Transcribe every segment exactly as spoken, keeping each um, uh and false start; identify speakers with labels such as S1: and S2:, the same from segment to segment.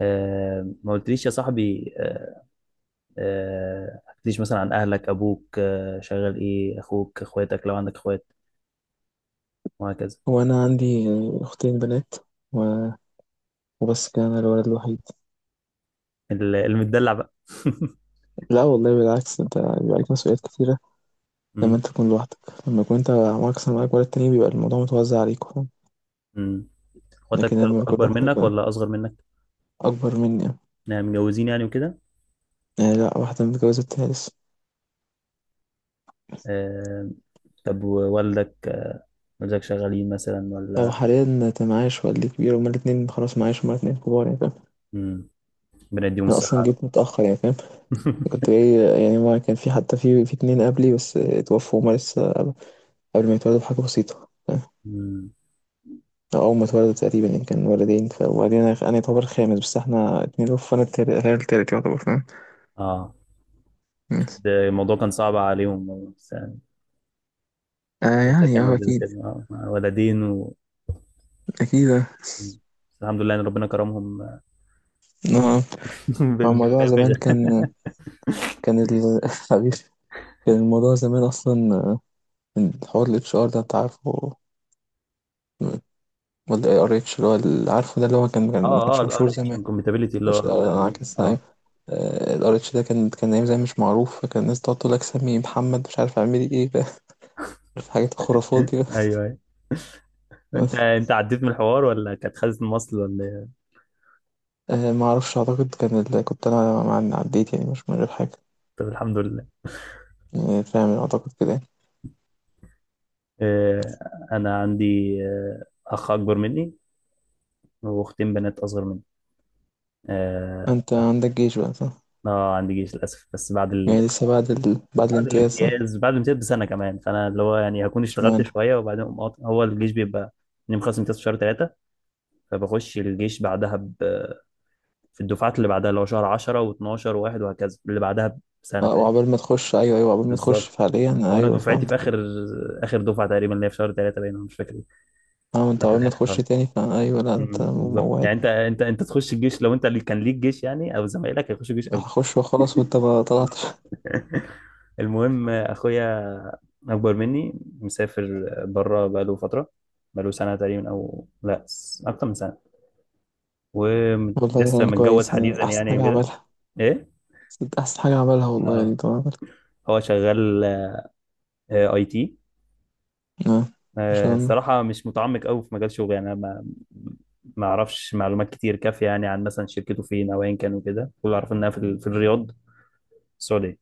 S1: آه، ما قلتليش يا صاحبي، آه، آه، ما حكيتليش مثلا عن اهلك، ابوك آه، شغال ايه؟ اخوك، اخواتك لو عندك اخوات وهكذا.
S2: هو أنا عندي أختين بنات، و- وبس كده أنا الولد الوحيد.
S1: ال- المتدلع بقى.
S2: لا والله، بالعكس، أنت بيبقى عليك مسؤوليات كتيرة لما
S1: مم.
S2: أنت تكون لوحدك. لما يكون أنت معاك أصلا، معاك ولد تاني، بيبقى الموضوع متوزع عليك، فاهم؟
S1: مم. اخواتك
S2: لكن لما بيكون
S1: اكبر
S2: لوحدك
S1: منك
S2: بقى.
S1: ولا اصغر منك؟
S2: أكبر مني.
S1: يعني متجوزين يعني وكده؟
S2: يعني لا، واحدة متجوزة، التالت.
S1: آه، طب، ووالدك والدك شغالين مثلا
S2: لو
S1: ولا؟
S2: حاليا أنت معاش، والدي كبير، هما الاتنين خلاص معاش، هما الاتنين كبار يعني، فاهم.
S1: مم. ربنا يديهم
S2: أنا
S1: الصحة
S2: أصلا
S1: يا رب.
S2: جيت متأخر يعني، فاهم. كنت جاي، يعني ما كان في حتى في في اتنين قبلي، بس اتوفوا، هما لسه قبل، قبل ما يتولدوا بحاجة بسيطة.
S1: مم.
S2: أول ما اتولدوا تقريبا يعني كان والدين، ف- وبعدين أنا، أنا يعتبر خامس، بس إحنا اتنين أوف، وأنا التالت، أنا التالت يعتبر فاهم.
S1: اه،
S2: مم.
S1: أكيد الموضوع كان صعب عليهم بس يعني.
S2: آه،
S1: والدك
S2: يعني
S1: كان،
S2: أه
S1: والدتك
S2: أكيد.
S1: كده؟ آه، ولدين و...
S2: أكيد، أه.
S1: بس الحمد لله ان ربنا كرمهم.
S2: آه.
S1: بال-
S2: هو الموضوع
S1: بالنافذه.
S2: زمان كان، كان ال حبيبي، كان الموضوع زمان أصلا، آه، الحوار ال اتش آر ده أنت عارفه، ولا ار اتش، اللي هو اللي عارفه ده، اللي هو كان كان- ما
S1: اه، اه،
S2: كانش
S1: الار
S2: مشهور
S1: اتش
S2: زمان.
S1: انكمباتيبلتي اللي
S2: مش
S1: هو بتاع ال-
S2: عكس.
S1: اه
S2: الار اتش ده كان، كان ايام زمان مش معروف، فكان الناس تقعد تقول لك سمي محمد، مش عارف اعملي ايه، ف- عارف حاجات الخرافات دي.
S1: ايوه ايوه. انت انت عديت من الحوار ولا كانت خزنة مصل ولا إيه؟
S2: أه ما اعرفش، اعتقد كان اللي كنت انا مع، عديت يعني، مش من غير حاجه،
S1: طب الحمد لله.
S2: يعني فاهم، اعتقد كده يعني.
S1: آه، انا عندي آه اخ اكبر مني، واختين بنات اصغر مني. اه،
S2: انت عندك جيش بقى، صح.
S1: آه، عندي جيش للاسف بس بعد ال...
S2: يعني لسه بعد ال... بعد
S1: بعد
S2: الامتياز، صح.
S1: الامتياز، بعد الامتياز بسنه كمان، فانا اللي هو يعني هكون اشتغلت
S2: اشمعنى.
S1: شويه وبعدين أقوم قاطع. هو الجيش بيبقى اني مخلص امتياز في شهر ثلاثه، فبخش الجيش بعدها في الدفعات اللي بعدها، اللي هو شهر عشرة و12 و1 وهكذا، اللي بعدها بسنه،
S2: اه،
S1: فاهم.
S2: وعقبال ما تخش، ايوه، ايوه، عقبال ما تخش
S1: بالظبط.
S2: فعليا،
S1: وانا
S2: ايوه
S1: دفعتي في
S2: فهمت.
S1: اخر، اخر دفعه تقريبا اللي هي في شهر تلاتة، باين، أنا مش فاكر إيه.
S2: فاهم، انت
S1: انا في
S2: عقبال ما
S1: الاخر
S2: تخش
S1: خالص.
S2: تاني، فا ايوه، لا، انت
S1: أمم، بالظبط،
S2: موعد.
S1: يعني انت، انت انت تخش الجيش لو انت اللي كان ليك جيش، يعني او زمايلك هيخشوا جيش قبل.
S2: هخش وخلاص، وانت ما طلعتش.
S1: المهم، اخويا اكبر مني، مسافر بره بقاله فتره، بقاله سنه تقريبا، او لا س- اكتر من سنه،
S2: والله
S1: ولسه
S2: يعني
S1: متجوز
S2: كويس،
S1: حديثا
S2: يعني احسن
S1: يعني
S2: حاجه
S1: وكده.
S2: عملها،
S1: ايه،
S2: احسن حاجه عملها والله، يعني
S1: اه.
S2: طبعا.
S1: هو شغال آه، اي تي.
S2: اه.
S1: آه،
S2: عشان
S1: الصراحة مش متعمق قوي في مجال شغلي يعني. أنا ما ما أعرفش معلومات كتير كافية يعني، عن مثلا شركته فين أو أيا كان وكده. كل اللي أعرفه إنها في, ال- في الرياض، السعودية.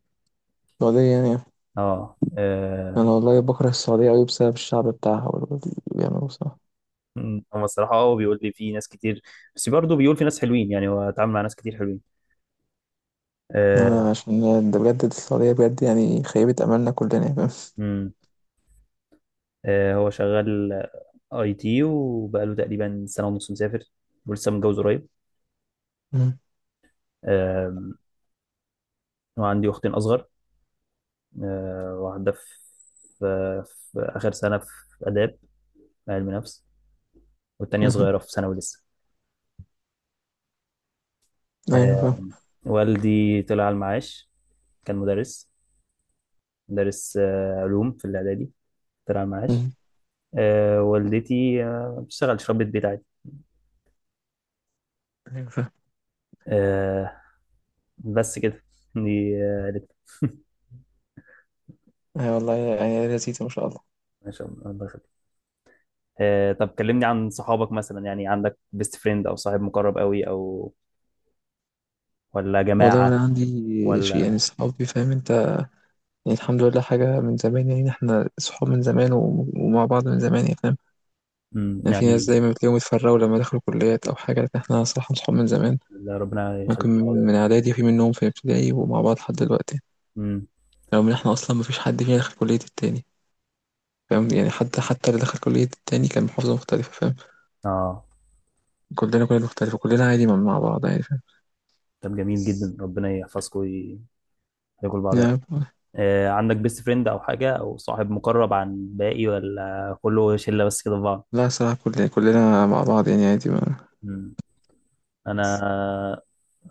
S2: السعوديه يعني.
S1: أه، آه،
S2: انا والله بكره السعوديه قوي بسبب الشعب بتاعها، واللي بيعملوه، صح.
S1: م، هو الصراحة أه بيقول لي في ناس كتير، بس برضه بيقول في ناس حلوين يعني، هو اتعامل مع ناس كتير حلوين. أه،
S2: آه، عشان ده بجد، السعودية بجد يعني خيبت أملنا كلنا، يا فاهم.
S1: م، آه، هو شغال أي تي وبقاله تقريبا سنة ونص مسافر، ولسه متجوز قريب.
S2: مم.
S1: آم، وعندي أختين أصغر. آه، واحدة في، في في آخر سنة في آداب، علم نفس. والتانية
S2: مهم.
S1: صغيرة في ثانوي لسه.
S2: أيوة فاهم.
S1: آه، والدي طلع على المعاش، كان مدرس، مدرس آه، علوم في الإعدادي، طلع على المعاش.
S2: مم.
S1: آه، والدتي آه، بتشتغل في، ربة بيت عادي.
S2: أيوة فاهم.
S1: آه، بس كده، دي آه، عيلتنا.
S2: أيوة والله يعني لذيذة، ما شاء الله.
S1: ما شاء الله، الله يخليك. آه، طب كلمني عن صحابك مثلا. يعني عندك بيست فريند أو صاحب مقرب قوي، أو ولا
S2: والله
S1: جماعة
S2: وأنا عندي شيء يعني،
S1: ولا؟
S2: صحابي، فاهم أنت. يعني الحمد لله، حاجة من زمان، يعني إحنا صحاب من زمان، و- ومع بعض من زمان، يعني فاهم.
S1: مم،
S2: يعني في ناس
S1: يعني،
S2: دايما بتلاقيهم اتفرقوا لما دخلوا كليات أو حاجة، لكن إحنا صراحة صحاب من زمان.
S1: ولا ربنا
S2: ممكن
S1: يخليكم لبعض.
S2: من إعدادي، في منهم في ابتدائي، ومع بعض لحد دلوقتي.
S1: مم،
S2: رغم إن إحنا أصلا مفيش حد فينا دخل كلية التاني، فاهم يعني، حتى حتى اللي دخل كلية التاني كان محافظة مختلفة، فاهم.
S1: اه.
S2: كلنا كلنا مختلفة، كلنا عادي مع مع بعض، يعني فاهم.
S1: طب جميل جدا، ربنا يحفظكم ويخليكم لبعض.
S2: يعني-
S1: آه، عندك بيست فريند او حاجه او صاحب مقرب عن باقي، ولا كله شله بس كده في بعض؟
S2: لا صراحة، كل كلنا مع بعض، يعني عادي، ما.
S1: مم. انا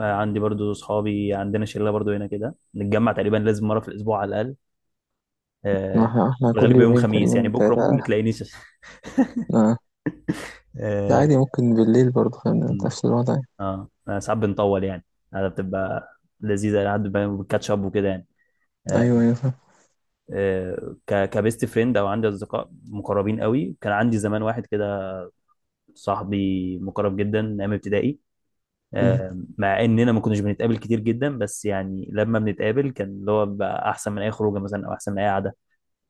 S1: آه، عندي برضو صحابي، عندنا شله برضو هنا كده، نتجمع تقريبا لازم مره في الاسبوع على الاقل.
S2: ما
S1: آه،
S2: احنا احنا كل
S1: الغالب يوم
S2: يومين
S1: خميس، يعني
S2: تقريبا
S1: بكره ممكن ما
S2: تلاتة.
S1: تلاقينيش.
S2: لا. لا
S1: اه.
S2: عادي، ممكن بالليل برضه، فاهم،
S1: مم.
S2: نفس الوضع.
S1: آه، آه، ساعات بنطول يعني، هذا بتبقى لذيذه لحد ما اب وكده يعني.
S2: أيوه،
S1: آه،
S2: أيوه فاهم.
S1: آه، ك- كبيست فريند او عندي اصدقاء مقربين قوي، كان عندي زمان واحد كده، صاحبي مقرب جدا من ايام ابتدائي.
S2: مم.
S1: آه، مع اننا ما كناش بنتقابل كتير جدا، بس يعني لما بنتقابل كان اللي هو بقى احسن من اي خروجه مثلا، او احسن من اي قعده،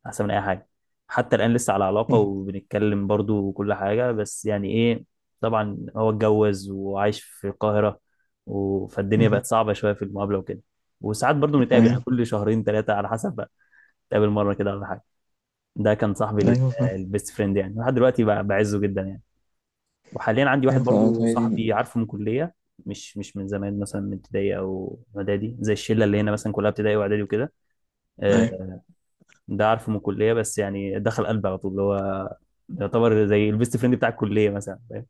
S1: احسن من اي حاجه. حتى الان لسه على علاقه
S2: مم.
S1: وبنتكلم برضو وكل حاجه، بس يعني ايه، طبعا هو اتجوز وعايش في القاهره و- فالدنيا
S2: مم.
S1: بقت صعبه شويه في المقابله وكده. وساعات برضو بنتقابل يعني
S2: أيوه،
S1: كل شهرين ثلاثه على حسب بقى، نتقابل مره كده ولا حاجه. ده كان صاحبي ال-
S2: أيوه فاهم.
S1: البيست فريند يعني، لحد دلوقتي بقى بعزه جدا يعني. وحاليا عندي واحد
S2: أيوه فاهم،
S1: برضو
S2: هي دي.
S1: صاحبي، عارفه من كلية، مش مش من زمان مثلا من ابتدائي او اعدادي زي الشله اللي هنا مثلا كلها ابتدائي واعدادي وكده.
S2: أيوه،
S1: آه، ده عارفه من الكليه، بس يعني دخل قلبي على طول، اللي هو يعتبر زي البيست فريند بتاع الكليه مثلا، فاهم.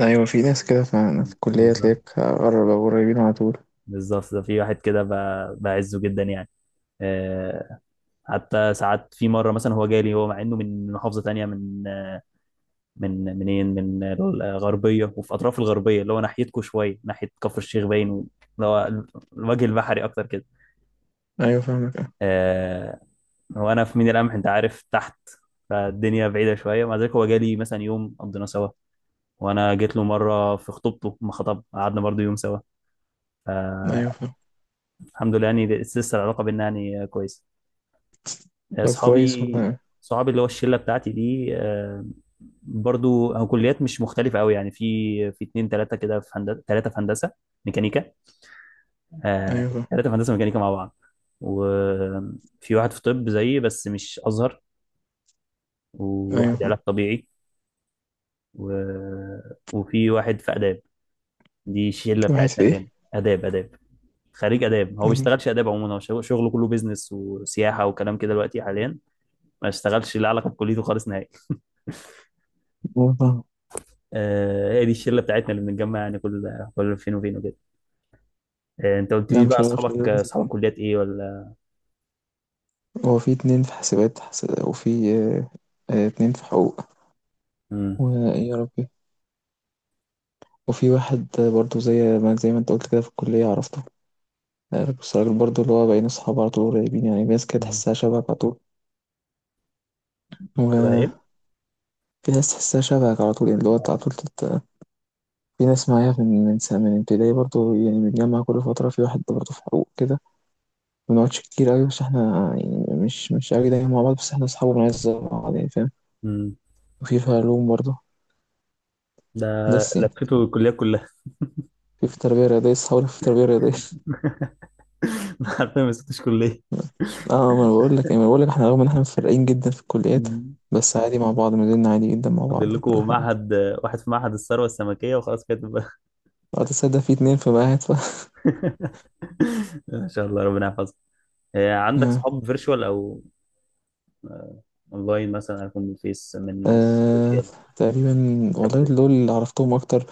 S2: أيوه، في ناس كده، فاهم، في الكلية
S1: بالظبط،
S2: تلاقيك قرب، أو قريبين على طول.
S1: بالظبط ده في واحد كده ب- بعزه جدا يعني. آه، حتى ساعات، في مره مثلا هو جالي، هو مع انه من محافظه تانية، من من منين من الغربيه، وفي اطراف الغربيه اللي هو ناحيتكم شويه ناحيه كفر الشيخ باين، اللي هو الوجه البحري اكتر كده.
S2: أيوه فاهمك، أه.
S1: آه. وانا في ميناء القمح، انت عارف، تحت، فالدنيا بعيده شويه. مع ذلك هو جالي مثلا يوم قضينا سوا، وانا جيت له مره في خطوبته ما خطب، قعدنا برضه يوم سوا.
S2: أيوه
S1: آه.
S2: فاهم.
S1: الحمد لله يعني لسه العلاقه بينا يعني كويسه.
S2: طب كويس
S1: اصحابي
S2: والله.
S1: صحابي اللي هو الشله بتاعتي دي آه، برضو هو كليات مش مختلفه قوي يعني. في في اتنين تلاته كده في هندسه، تلاته في هندسه ميكانيكا. آه،
S2: أيوه فاهم.
S1: تلاته في هندسه ميكانيكا مع بعض، وفي واحد في طب زيي بس مش ازهر،
S2: أيوه
S1: وواحد
S2: فاهم.
S1: علاج طبيعي، و... وفي واحد في اداب. دي الشله
S2: في واحد في
S1: بتاعتنا اللي
S2: إيه؟
S1: هنا. اداب اداب خريج اداب، هو ما
S2: مم.
S1: بيشتغلش اداب عموما، هو شغله كله بيزنس وسياحه وكلام كده دلوقتي حاليا. ما اشتغلش له علاقه بكليته خالص نهائي.
S2: أيوه فاهم.
S1: آه، هي دي الشله بتاعتنا اللي بنتجمع يعني، كل كل فين وفين وكده. آه، انت قلت
S2: لا،
S1: ليش بقى
S2: مش هقدر
S1: اصحابك، اصحابك
S2: أشيل.
S1: كليات ايه ولا؟
S2: هو في اتنين في حاسبات حس- وفي آه، آه، اتنين في حقوق.
S1: امم.
S2: ويا ربي، وفي واحد، آه، برضو زي ما زي ما انت قلت كده في الكلية عرفته. آه، بس الراجل برضو، اللي هو بقينا صحاب على طول، قريبين، يعني في ناس كده تحسها شبهك على طول.
S1: شبه
S2: وفي
S1: ايه؟
S2: ناس تحسها شبهك على طول، يعني اللي هو انت
S1: آه،
S2: على طول تت... في ناس معايا من من سنة من ابتدائي برضو، يعني بنتجمع كل فترة. في واحد برضو في حقوق كده، ما بنقعدش كتير أوي، بس احنا يعني مش مش أوي دايما مع بعض، بس احنا أصحاب وبنعز بعض، يعني فاهم.
S1: امم،
S2: وفي في علوم برضو،
S1: ده
S2: بس يعني.
S1: لفيته الكليات كلها.
S2: في في تربية رياضية، صحابي في تربية رياضية.
S1: ما حرفيا ما سبتش كليه.
S2: اه، ما انا بقول لك يعني، ما أنا بقول لك احنا رغم ان احنا متفرقين جدا في الكليات،
S1: مم.
S2: بس عادي مع بعض، ميزاننا عادي جدا مع
S1: فاضل
S2: بعض وكل
S1: لكم
S2: حاجة.
S1: معهد واحد في معهد الثروه السمكيه وخلاص كده تبقى.
S2: وقت تصدق، في اتنين في معاهد ف
S1: ان شاء الله ربنا يحفظك. آه، عندك
S2: آه.
S1: صحاب فيرتشوال او، آه، اونلاين مثلا، عارف من الفيس، من
S2: آه،
S1: السوشيال،
S2: تقريبا.
S1: من شبه
S2: والله
S1: كده؟
S2: دول اللي عرفتهم اكتر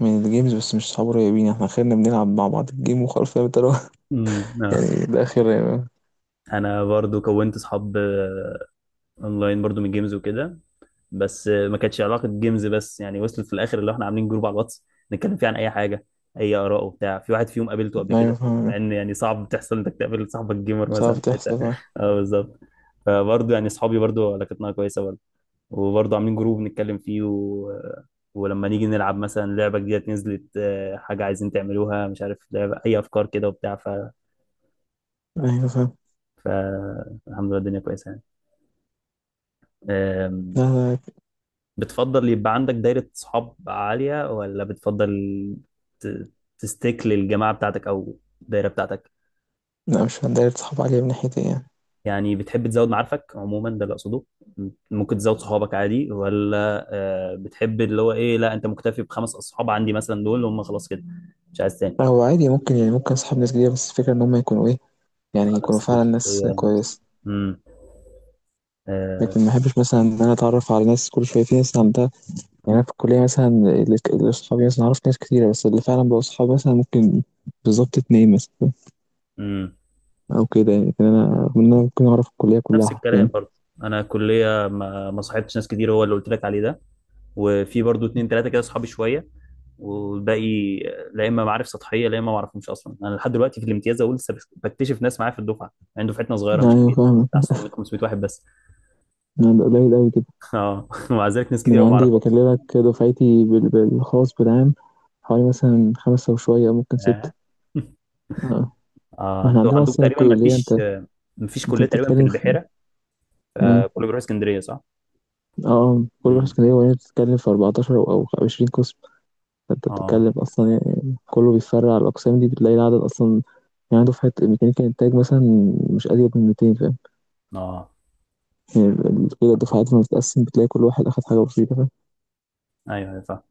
S2: من الجيمز، بس مش صحاب قريبين، احنا خيرنا بنلعب مع بعض الجيم وخلاص، فاهم انت، اللي هو
S1: امم، آه.
S2: يعني ده خير يعني.
S1: انا برضو كونت صحاب آه، اونلاين برضو من جيمز وكده، بس ما كانتش علاقه جيمز بس يعني، وصلت في الاخر اللي احنا عاملين جروب على الواتس، نتكلم فيه عن اي حاجه، اي اراء وبتاع. في واحد فيهم قابلته قبل
S2: ايوه
S1: كده،
S2: فاهم.
S1: مع ان يعني صعب تحصل انك تقابل صاحبك جيمر
S2: صعب
S1: مثلا في حتة.
S2: تحصل، اه.
S1: اه بالظبط. فبرضه يعني اصحابي برضه علاقتنا كويسه برضه، وبرضه عاملين جروب نتكلم فيه و... ولما نيجي نلعب مثلا لعبه جديده نزلت، آه، حاجه عايزين تعملوها، مش عارف لعبه، اي افكار كده وبتاع ف...
S2: ايوه فاهم.
S1: ف الحمد لله الدنيا كويسه يعني. آم،
S2: لا، لا.
S1: بتفضل يبقى عندك دايرة صحاب عالية، ولا بتفضل ت- تستيك للجماعة بتاعتك أو الدايرة بتاعتك؟
S2: لا، مش هندار صحاب عليا من ناحيتي يعني.
S1: يعني بتحب تزود معارفك عموما ده اللي أقصده، ممكن تزود صحابك عادي، ولا آه، بتحب اللي هو إيه، لا أنت مكتفي بخمس أصحاب عندي مثلا دول هم خلاص كده، مش عايز تاني؟
S2: هو عادي، ممكن يعني، ممكن صحاب ناس جديدة، بس الفكرة ان هم يكونوا ايه، يعني
S1: آه،
S2: يكونوا
S1: نفس
S2: فعلا ناس
S1: الشخصية، نفس
S2: كويسة.
S1: امم، آه،
S2: لكن ما احبش مثلا ان انا اتعرف على ناس كل شويه، في ناس عندها. يعني انا في الكليه مثلا، اللي اللي اصحابي مثلا، عرفت ناس كتيره، بس اللي فعلا بقوا اصحابي مثلا ممكن بالظبط اتنين مثلا،
S1: امم،
S2: او كده يعني، لكن انا رغم ان انا ممكن اعرف الكليه كلها
S1: نفس الكلام
S2: حرفيا.
S1: برضه. أنا كلية ما ما صاحبتش ناس كتير، هو اللي قلت لك عليه ده، وفي برضو اتنين تلاتة كده صحابي شوية، والباقي، لا اما معارف سطحيه، لا اما ما اعرفهمش اصلا. انا لحد دلوقتي في الامتياز اقول لسه بكتشف ناس معايا في الدفعه، يعني دفعتنا صغيره مش
S2: ايوه
S1: كبيره،
S2: فاهمك.
S1: بتاع ستمائة خمسمية واحد بس.
S2: انا بقى قليل قوي كده.
S1: اه، ومع ذلك ناس
S2: ده
S1: كتير
S2: انا
S1: قوي ما
S2: عندي
S1: اعرفهاش.
S2: بكلمك دفعتي بال- بالخاص، بالعام حوالي مثلا خمسة وشوية، ممكن
S1: اه.
S2: ستة. اه.
S1: آه،
S2: ما احنا
S1: انتوا
S2: عندنا
S1: عندكم
S2: اصلا
S1: تقريبا ما
S2: الكلية، انت،
S1: فيش، ما فيش
S2: انت
S1: كليه تقريبا في
S2: بتتكلم في،
S1: البحيره.
S2: اه،
S1: آه، كله بيروح اسكندريه صح؟
S2: آه، كل واحد
S1: امم،
S2: كان، هي بتتكلم في أربعة عشر او أو عشرين قسم، فأنت
S1: اه،
S2: بتتكلم أصلا يعني كله بيتفرع على الأقسام دي، بتلاقي العدد أصلا. يعني دفعة ميكانيكا إنتاج مثلا مش أزيد من ميتين، فاهم.
S1: اه،
S2: يعني ال- كده
S1: آه.
S2: الدفعات لما بتتقسم، بتلاقي كل واحد أخد حاجة بسيطة
S1: ايوه ايوه.